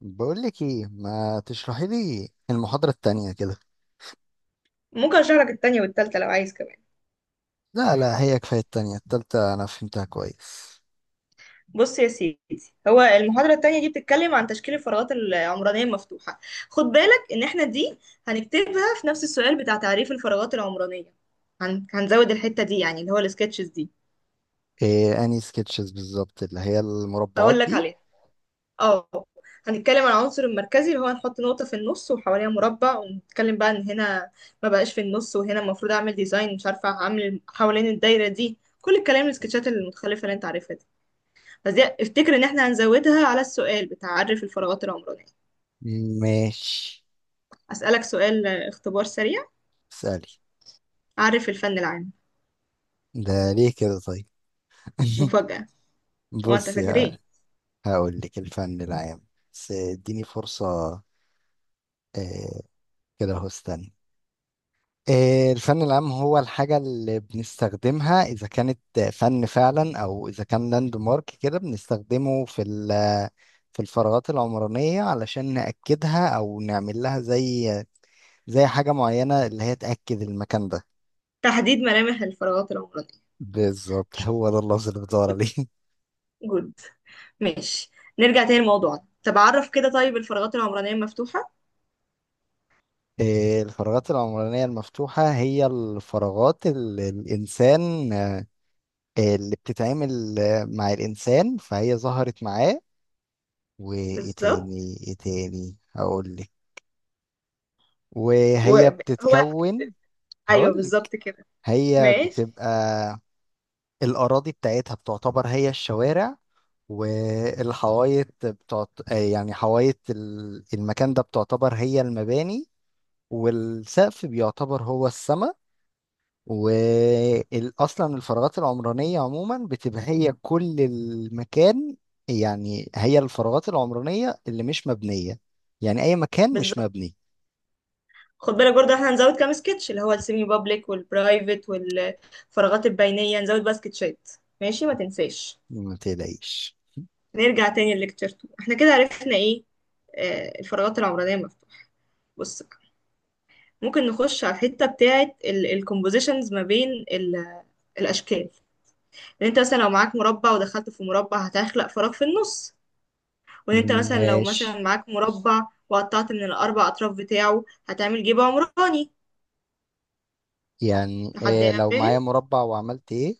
بقول لك ايه ما تشرحي لي المحاضرة التانية كده. ممكن اشرح لك التانية والتالتة لو عايز كمان. لا لا، هي كفاية التانية، التالتة انا فهمتها كويس. بص يا سيدي، هو المحاضرة التانية دي بتتكلم عن تشكيل الفراغات العمرانية المفتوحة. خد بالك ان احنا دي هنكتبها في نفس السؤال بتاع تعريف الفراغات العمرانية. هنزود الحتة دي يعني اللي هو السكتشز دي. إيه اني سكتشز بالظبط اللي هي المربعات هقول لك دي؟ عليها. اه، هنتكلم عن العنصر المركزي اللي هو هنحط نقطة في النص وحواليها مربع ونتكلم بقى ان هنا ما بقاش في النص، وهنا المفروض اعمل ديزاين، مش عارفة اعمل حوالين الدايرة دي كل الكلام السكتشات المتخلفة اللي انت عارفها دي. بس دي افتكر ان احنا هنزودها على السؤال بتاع عرف الفراغات العمرانية. ماشي. اسألك سؤال، اختبار سريع. اسألي. عرف الفن العام. ده ليه كده طيب؟ مفاجأة. وانت بصي فاكر ه- ايه؟ هقول لك الفن العام، بس اديني فرصة. إيه؟ كده اهو استني. الفن العام هو الحاجة اللي بنستخدمها إذا كانت فن فعلا، أو إذا كان لاند مارك كده بنستخدمه في الفراغات العمرانية علشان نأكدها أو نعمل لها زي حاجة معينة اللي هي تأكد المكان ده. تحديد ملامح الفراغات العمرانية. بالظبط، شاطر. هو ده اللفظ اللي بدور عليه. جود. ماشي. نرجع تاني لموضوعنا. طب عرف كده طيب الفراغات العمرانية مفتوحة. الفراغات العمرانية المفتوحة هي الفراغات اللي الإنسان، اللي بتتعامل مع الإنسان، فهي ظهرت معاه. وايه بالظبط. تاني ايه تاني هقول لك. وهي وهو. بتتكون. ايوه هقول لك. بالظبط كده. هي ماشي. بتبقى الأراضي بتاعتها بتعتبر هي الشوارع، والحوايط بتعت... آه يعني حوايط المكان ده بتعتبر هي المباني، والسقف بيعتبر هو السما. واصلا الفراغات العمرانيه عموما بتبقى هي كل المكان، يعني هي الفراغات العمرانيه اللي مش مبنيه، يعني اي مكان مش بالظبط. مبني. خد بالك برضه احنا هنزود كام سكتش اللي هو السيمي بابليك والبرايفت والفراغات البينية، هنزود بقى سكتشات. ماشي، ما تنساش. ما تقلقيش. نرجع تاني لليكتشر 2. احنا كده عرفنا ايه؟ آه، الفراغات العمرانية المفتوحة. بص بقى، ممكن نخش على الحتة بتاعة الكومبوزيشنز ما بين الأشكال. إن أنت مثلا لو معاك مربع ودخلت في مربع هتخلق فراغ في النص. وإن أنت مثلا لو ماشي. مثلا معاك مربع وقطعت من الأربع أطراف بتاعه هتعمل جيب عمراني. يعني لحد إيه هنا لو معايا فاهم؟ مربع وعملت ايه؟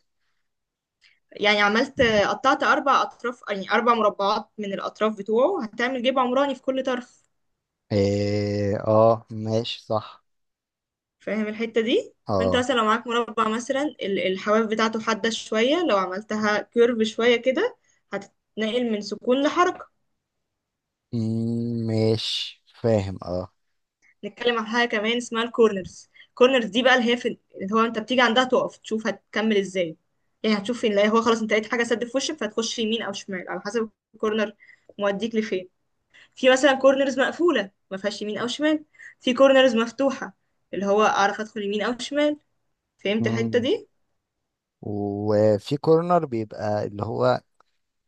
يعني عملت قطعت أربع أطراف، يعني أربع مربعات من الأطراف بتوعه، هتعمل جيب عمراني في كل طرف. إيه اه، ماشي صح. فاهم الحتة دي؟ فانت اه. مثلا لو معاك مربع مثلا الحواف بتاعته حادة شوية، لو عملتها كيرف شوية كده هتتنقل من سكون لحركة. مم، ماشي فاهم اه. نتكلم عن حاجة كمان اسمها الكورنرز. الكورنرز دي بقى اللي هي في، اللي هو انت بتيجي عندها تقف تشوف هتكمل ازاي. يعني هتشوف فين، لا هو خلاص انت لقيت حاجة سد في وشك فهتخش يمين او شمال على حسب الكورنر موديك لفين. في مثلا كورنرز مقفولة ما فيهاش يمين او شمال، في كورنرز مفتوحة اللي هو اعرف ادخل يمين او شمال. فهمت الحتة مم. دي؟ وفي كورنر بيبقى اللي هو،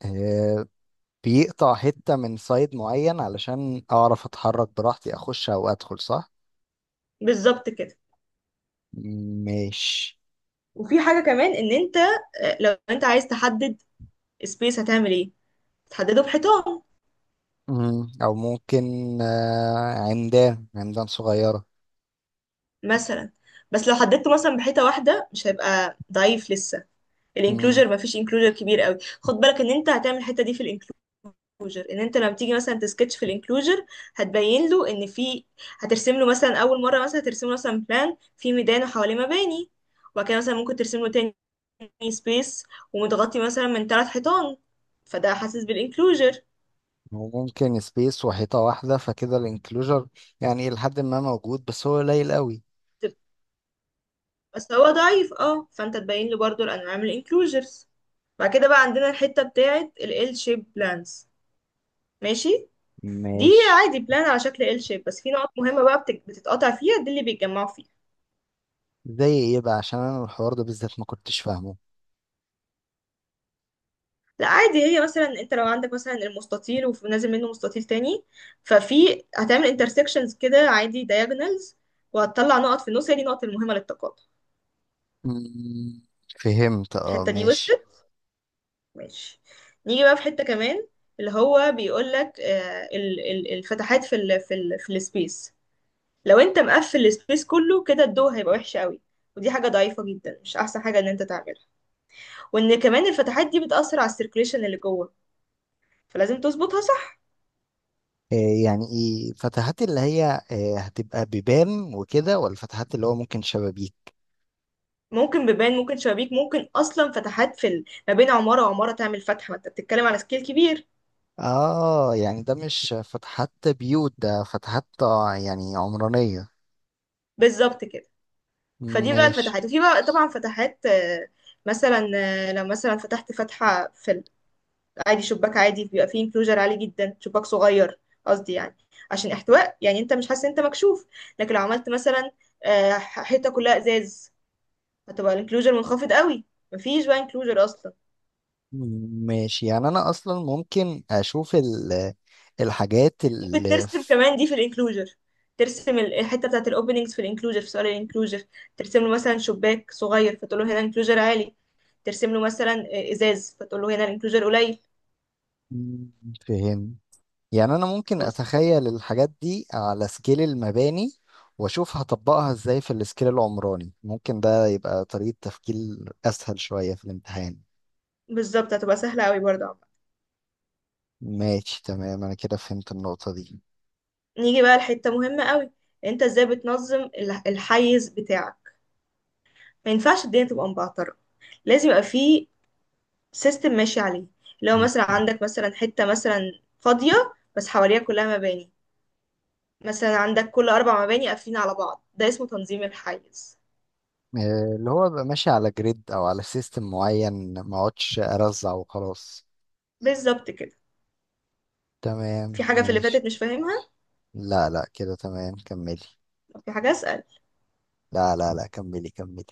آه، بيقطع حتة من سايد معين علشان أعرف أتحرك براحتي أخش أو أدخل، صح؟ بالظبط كده. ماشي. وفي حاجة كمان ان انت، لو انت عايز تحدد سبيس هتعمل ايه؟ تحدده بحيطان مم. أو ممكن، عمدان صغيرة. مثلا. بس لو حددته مثلا بحيطة واحدة مش هيبقى ضعيف لسه مم. الانكلوجر، مفيش انكلوجر كبير قوي. خد بالك ان انت هتعمل الحتة دي في الانكلوجر، ان انت لما تيجي مثلا تسكتش في الانكلوجر هتبين له ان في، هترسم له مثلا اول مرة مثلا هترسم له مثلا بلان في ميدان وحواليه مباني، وبعد كده مثلا ممكن ترسم له تاني سبيس ومتغطي مثلا من ثلاث حيطان، فده حاسس بالانكلوجر. وممكن سبيس وحيطة واحدة، فكده الانكلوجر يعني إلى حد ما موجود، بس هو قليل قوي. بس هو ضعيف اه، فانت تبين له برضو الانواع من الانكلوجرز. بعد كده بقى عندنا الحتة بتاعة ال L shape plans. ماشي. دي ماشي. عادي بلان على شكل L shape، بس في نقط مهمة بقى بتتقطع فيها دي اللي بيتجمعوا فيها. زي إيه بقى؟ عشان أنا الحوار ده بالذات ما كنتش فاهمه. لا عادي، هي مثلا انت لو عندك مثلا المستطيل ونازل منه مستطيل تاني ففي هتعمل intersections كده عادي diagonals، وهتطلع نقط في النص هي دي النقط المهمة للتقاطع. مم. فهمت اه، الحتة دي ماشي. وصلت؟ ماشي. نيجي بقى في حتة كمان، اللي هو بيقول لك الفتحات في ال في ال في السبيس. لو انت مقفل السبيس كله كده الضوء هيبقى وحش قوي، ودي حاجة ضعيفة جدا مش احسن حاجة ان انت تعملها. وان كمان الفتحات دي بتأثر على السيركليشن اللي جوه، فلازم تظبطها صح. آه، يعني ايه فتحات؟ اللي هي هتبقى بيبان وكده، ولا فتحات اللي هو ممكن شبابيك؟ ممكن بيبان، ممكن شبابيك، ممكن اصلا فتحات في ما بين عمارة وعمارة تعمل فتحة، ما انت بتتكلم على سكيل كبير. اه، يعني ده مش فتحات بيوت، ده فتحات يعني عمرانية. بالظبط كده. فدي بقى ماشي. الفتحات، وفي بقى طبعا فتحات، مثلا لو مثلا فتحت فتحة في، عادي شباك عادي بيبقى فيه انكلوجر عالي جدا، شباك صغير قصدي يعني، عشان احتواء يعني انت مش حاسس ان انت مكشوف. لكن لو عملت مثلا حيطه كلها ازاز هتبقى الانكلوجر منخفض قوي، مفيش بقى انكلوجر اصلا. ماشي، يعني انا اصلا ممكن اشوف الحاجات ممكن ترسم كمان دي في الانكلوجر، ترسم الحته بتاعت الاوبننجز في الانكلوجر في سؤال الانكلوجر. ترسم له مثلا شباك صغير فتقول له هنا انكلوجر عالي. ترسم له مثلا ازاز فتقول له هنا الانكلوجر قليل. مم، فهم. يعني انا ممكن بس- اتخيل الحاجات دي على سكيل المباني واشوف هطبقها ازاي في السكيل العمراني، ممكن ده يبقى طريقة تفكير اسهل شوية في الامتحان. بالظبط هتبقى سهله قوي برضه. ماشي تمام، انا كده فهمت النقطة دي. نيجي بقى لحتة مهمة قوي، انت ازاي بتنظم الحيز بتاعك؟ ما ينفعش الدنيا تبقى مبعترة، لازم يبقى في سيستم ماشي عليه. لو م. مثلا عندك مثلا حتة مثلا فاضية بس حواليها كلها مباني، مثلا عندك كل أربع مباني قافلين على بعض، ده اسمه تنظيم الحيز. اللي هو بقى ماشي على جريد او على سيستم معين، ما اقعدش ارزع وخلاص. بالظبط كده. تمام في حاجة في اللي ماشي. فاتت مش فاهمها؟ لا لا، كده تمام كملي. طب في حاجة أسأل؟ لا لا لا، كملي كملي.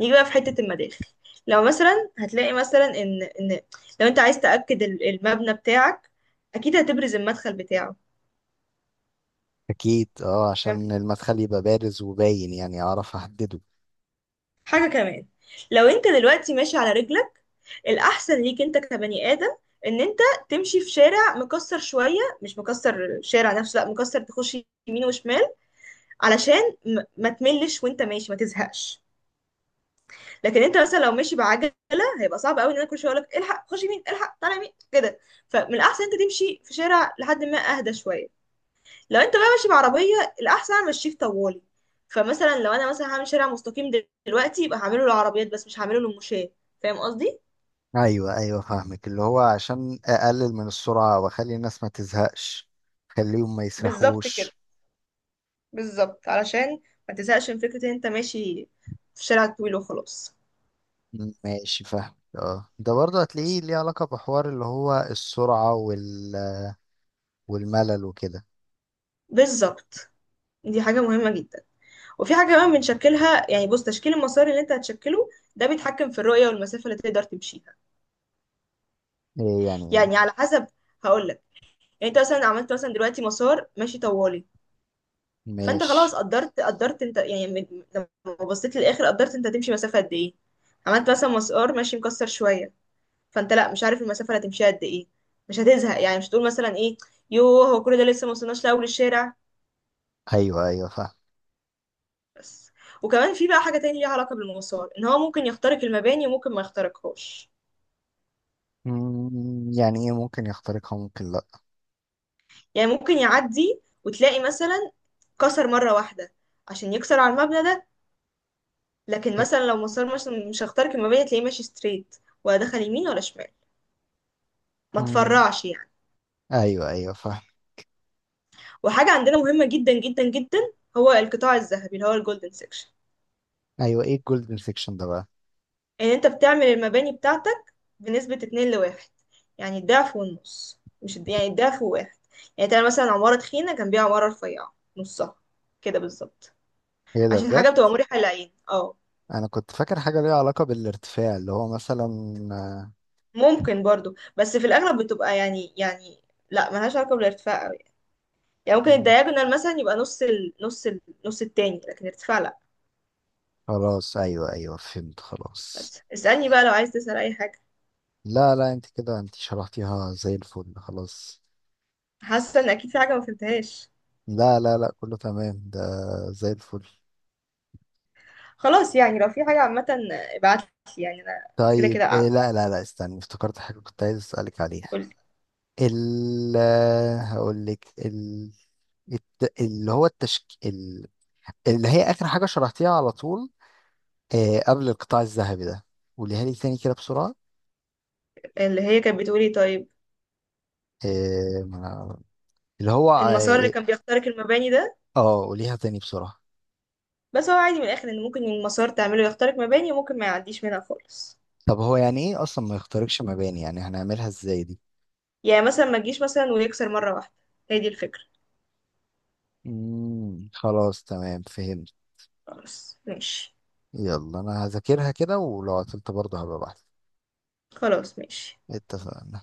نيجي بقى في حتة المداخل. لو مثلا هتلاقي مثلا إن لو أنت عايز تأكد المبنى بتاعك، أكيد هتبرز المدخل بتاعه. اكيد اه، عشان المدخل يبقى بارز وباين يعني اعرف احدده. حاجة كمان، لو انت دلوقتي ماشي على رجلك، الأحسن ليك انت كبني آدم ان انت تمشي في شارع مكسر شوية، مش مكسر الشارع نفسه، لا مكسر تخش يمين وشمال، علشان ما تملش وانت ماشي ما تزهقش. لكن انت مثلا لو ماشي بعجلة هيبقى صعب قوي ان انا كل شوية اقولك الحق خش يمين الحق طالع يمين كده، فمن الأحسن انت تمشي في شارع لحد ما اهدى شوية. لو انت بقى ماشي بعربيه الاحسن امشيه في طوالي. فمثلا لو انا مثلا هعمل شارع مستقيم دلوقتي يبقى هعمله للعربيات بس مش هعمله للمشاة. فاهم قصدي؟ ايوه ايوه فاهمك، اللي هو عشان اقلل من السرعة واخلي الناس ما تزهقش، خليهم ما بالظبط كده. يسرحوش. بالظبط علشان ما تزهقش من فكره ان انت ماشي في شارع طويل وخلاص. مم، ماشي فاهم اه، ده برضه هتلاقيه ليه علاقة بحوار اللي هو السرعة والملل وكده. بالظبط. دي حاجه مهمه جدا. وفي حاجه كمان بنشكلها، يعني بص تشكيل المسار اللي انت هتشكله ده بيتحكم في الرؤيه والمسافه اللي تقدر تمشيها. ايه يعني يعني ايه؟ على حسب، هقول لك، يعني انت مثلا عملت مثلا دلوقتي مسار ماشي طوالي، فانت خلاص ماشي. قدرت، انت يعني لما بصيت للاخر قدرت انت هتمشي مسافه قد ايه. عملت مثلا مسار ماشي مكسر شويه، فانت لا مش عارف المسافه اللي هتمشيها قد ايه، مش هتزهق، يعني مش هتقول مثلا ايه، يوه هو كل ده لسه ما وصلناش لاول الشارع. ايوه ايوه فاهم. بس. وكمان في بقى حاجه تانية ليها علاقه بالمسار ان هو ممكن يخترق المباني وممكن ما يخترقهاش. مم، يعني ايه ممكن يخترقها ممكن لا؟ يعني ممكن يعدي وتلاقي مثلا كسر مره واحده عشان يكسر على المبنى ده. لكن إيه؟ مثلا لو مسار مش هخترق المباني تلاقيه ماشي ستريت، ولا دخل يمين ولا شمال، ما مم، تفرعش يعني. ايوه ايوه فاهم. وحاجة عندنا مهمة جدا جدا جدا، هو القطاع الذهبي اللي هو الجولدن سيكشن. ايوه، ايه الجولد انفكشن ده بقى؟ ان انت بتعمل المباني بتاعتك بنسبة اتنين لواحد، يعني الضعف والنص، مش يعني الضعف وواحد. يعني تعمل مثلا عمارة تخينة جنبيها عمارة رفيعة نصها كده بالظبط، ايه ده عشان بجد؟ حاجة بتبقى مريحة للعين اه. انا كنت فاكر حاجة ليها علاقة بالارتفاع اللي هو مثلا، آه. ممكن برضو، بس في الأغلب بتبقى يعني لا، ملهاش علاقة بالارتفاع أوي. يعني ممكن مم، الدياجونال مثلا يبقى نص نص التاني، لكن الارتفاع لا. خلاص ايوه ايوه فهمت خلاص. بس اسألني بقى لو عايز تسأل أي حاجة. لا لا، انت كده انت شرحتيها زي الفل خلاص. حاسة إن أكيد في حاجة ما فهمتهاش. لا لا لا، كله تمام ده، زي الفل. خلاص يعني لو في حاجة عامة ابعتلي، يعني أنا كده طيب كده إيه، قاعدة. لا لا لا استنى، افتكرت حاجة كنت عايز أسألك عليها. قولي. ال هقول لك ال... الت... اللي هو التشك ال... اللي هي آخر حاجة شرحتيها على طول، آه، قبل القطاع الذهبي ده، قوليها لي تاني كده بسرعة. اللي هي كانت بتقولي طيب. آه ما- اللي هو المسار اللي اه كان بيخترق المباني ده، قوليها تاني بسرعة. بس هو عادي من الآخر، إن ممكن المسار تعمله يخترق مباني وممكن ما يعديش منها خالص. طب هو يعني ايه اصلا ما يخترقش مباني؟ يعني هنعملها ازاي دي؟ يعني مثلا ما تجيش مثلا ويكسر مرة واحدة، هي دي الفكرة. مم. خلاص تمام فهمت. خلاص ماشي. يلا انا هذاكرها كده ولو قفلت برضه هبقى بحث. خلاص ماشي. اتفقنا.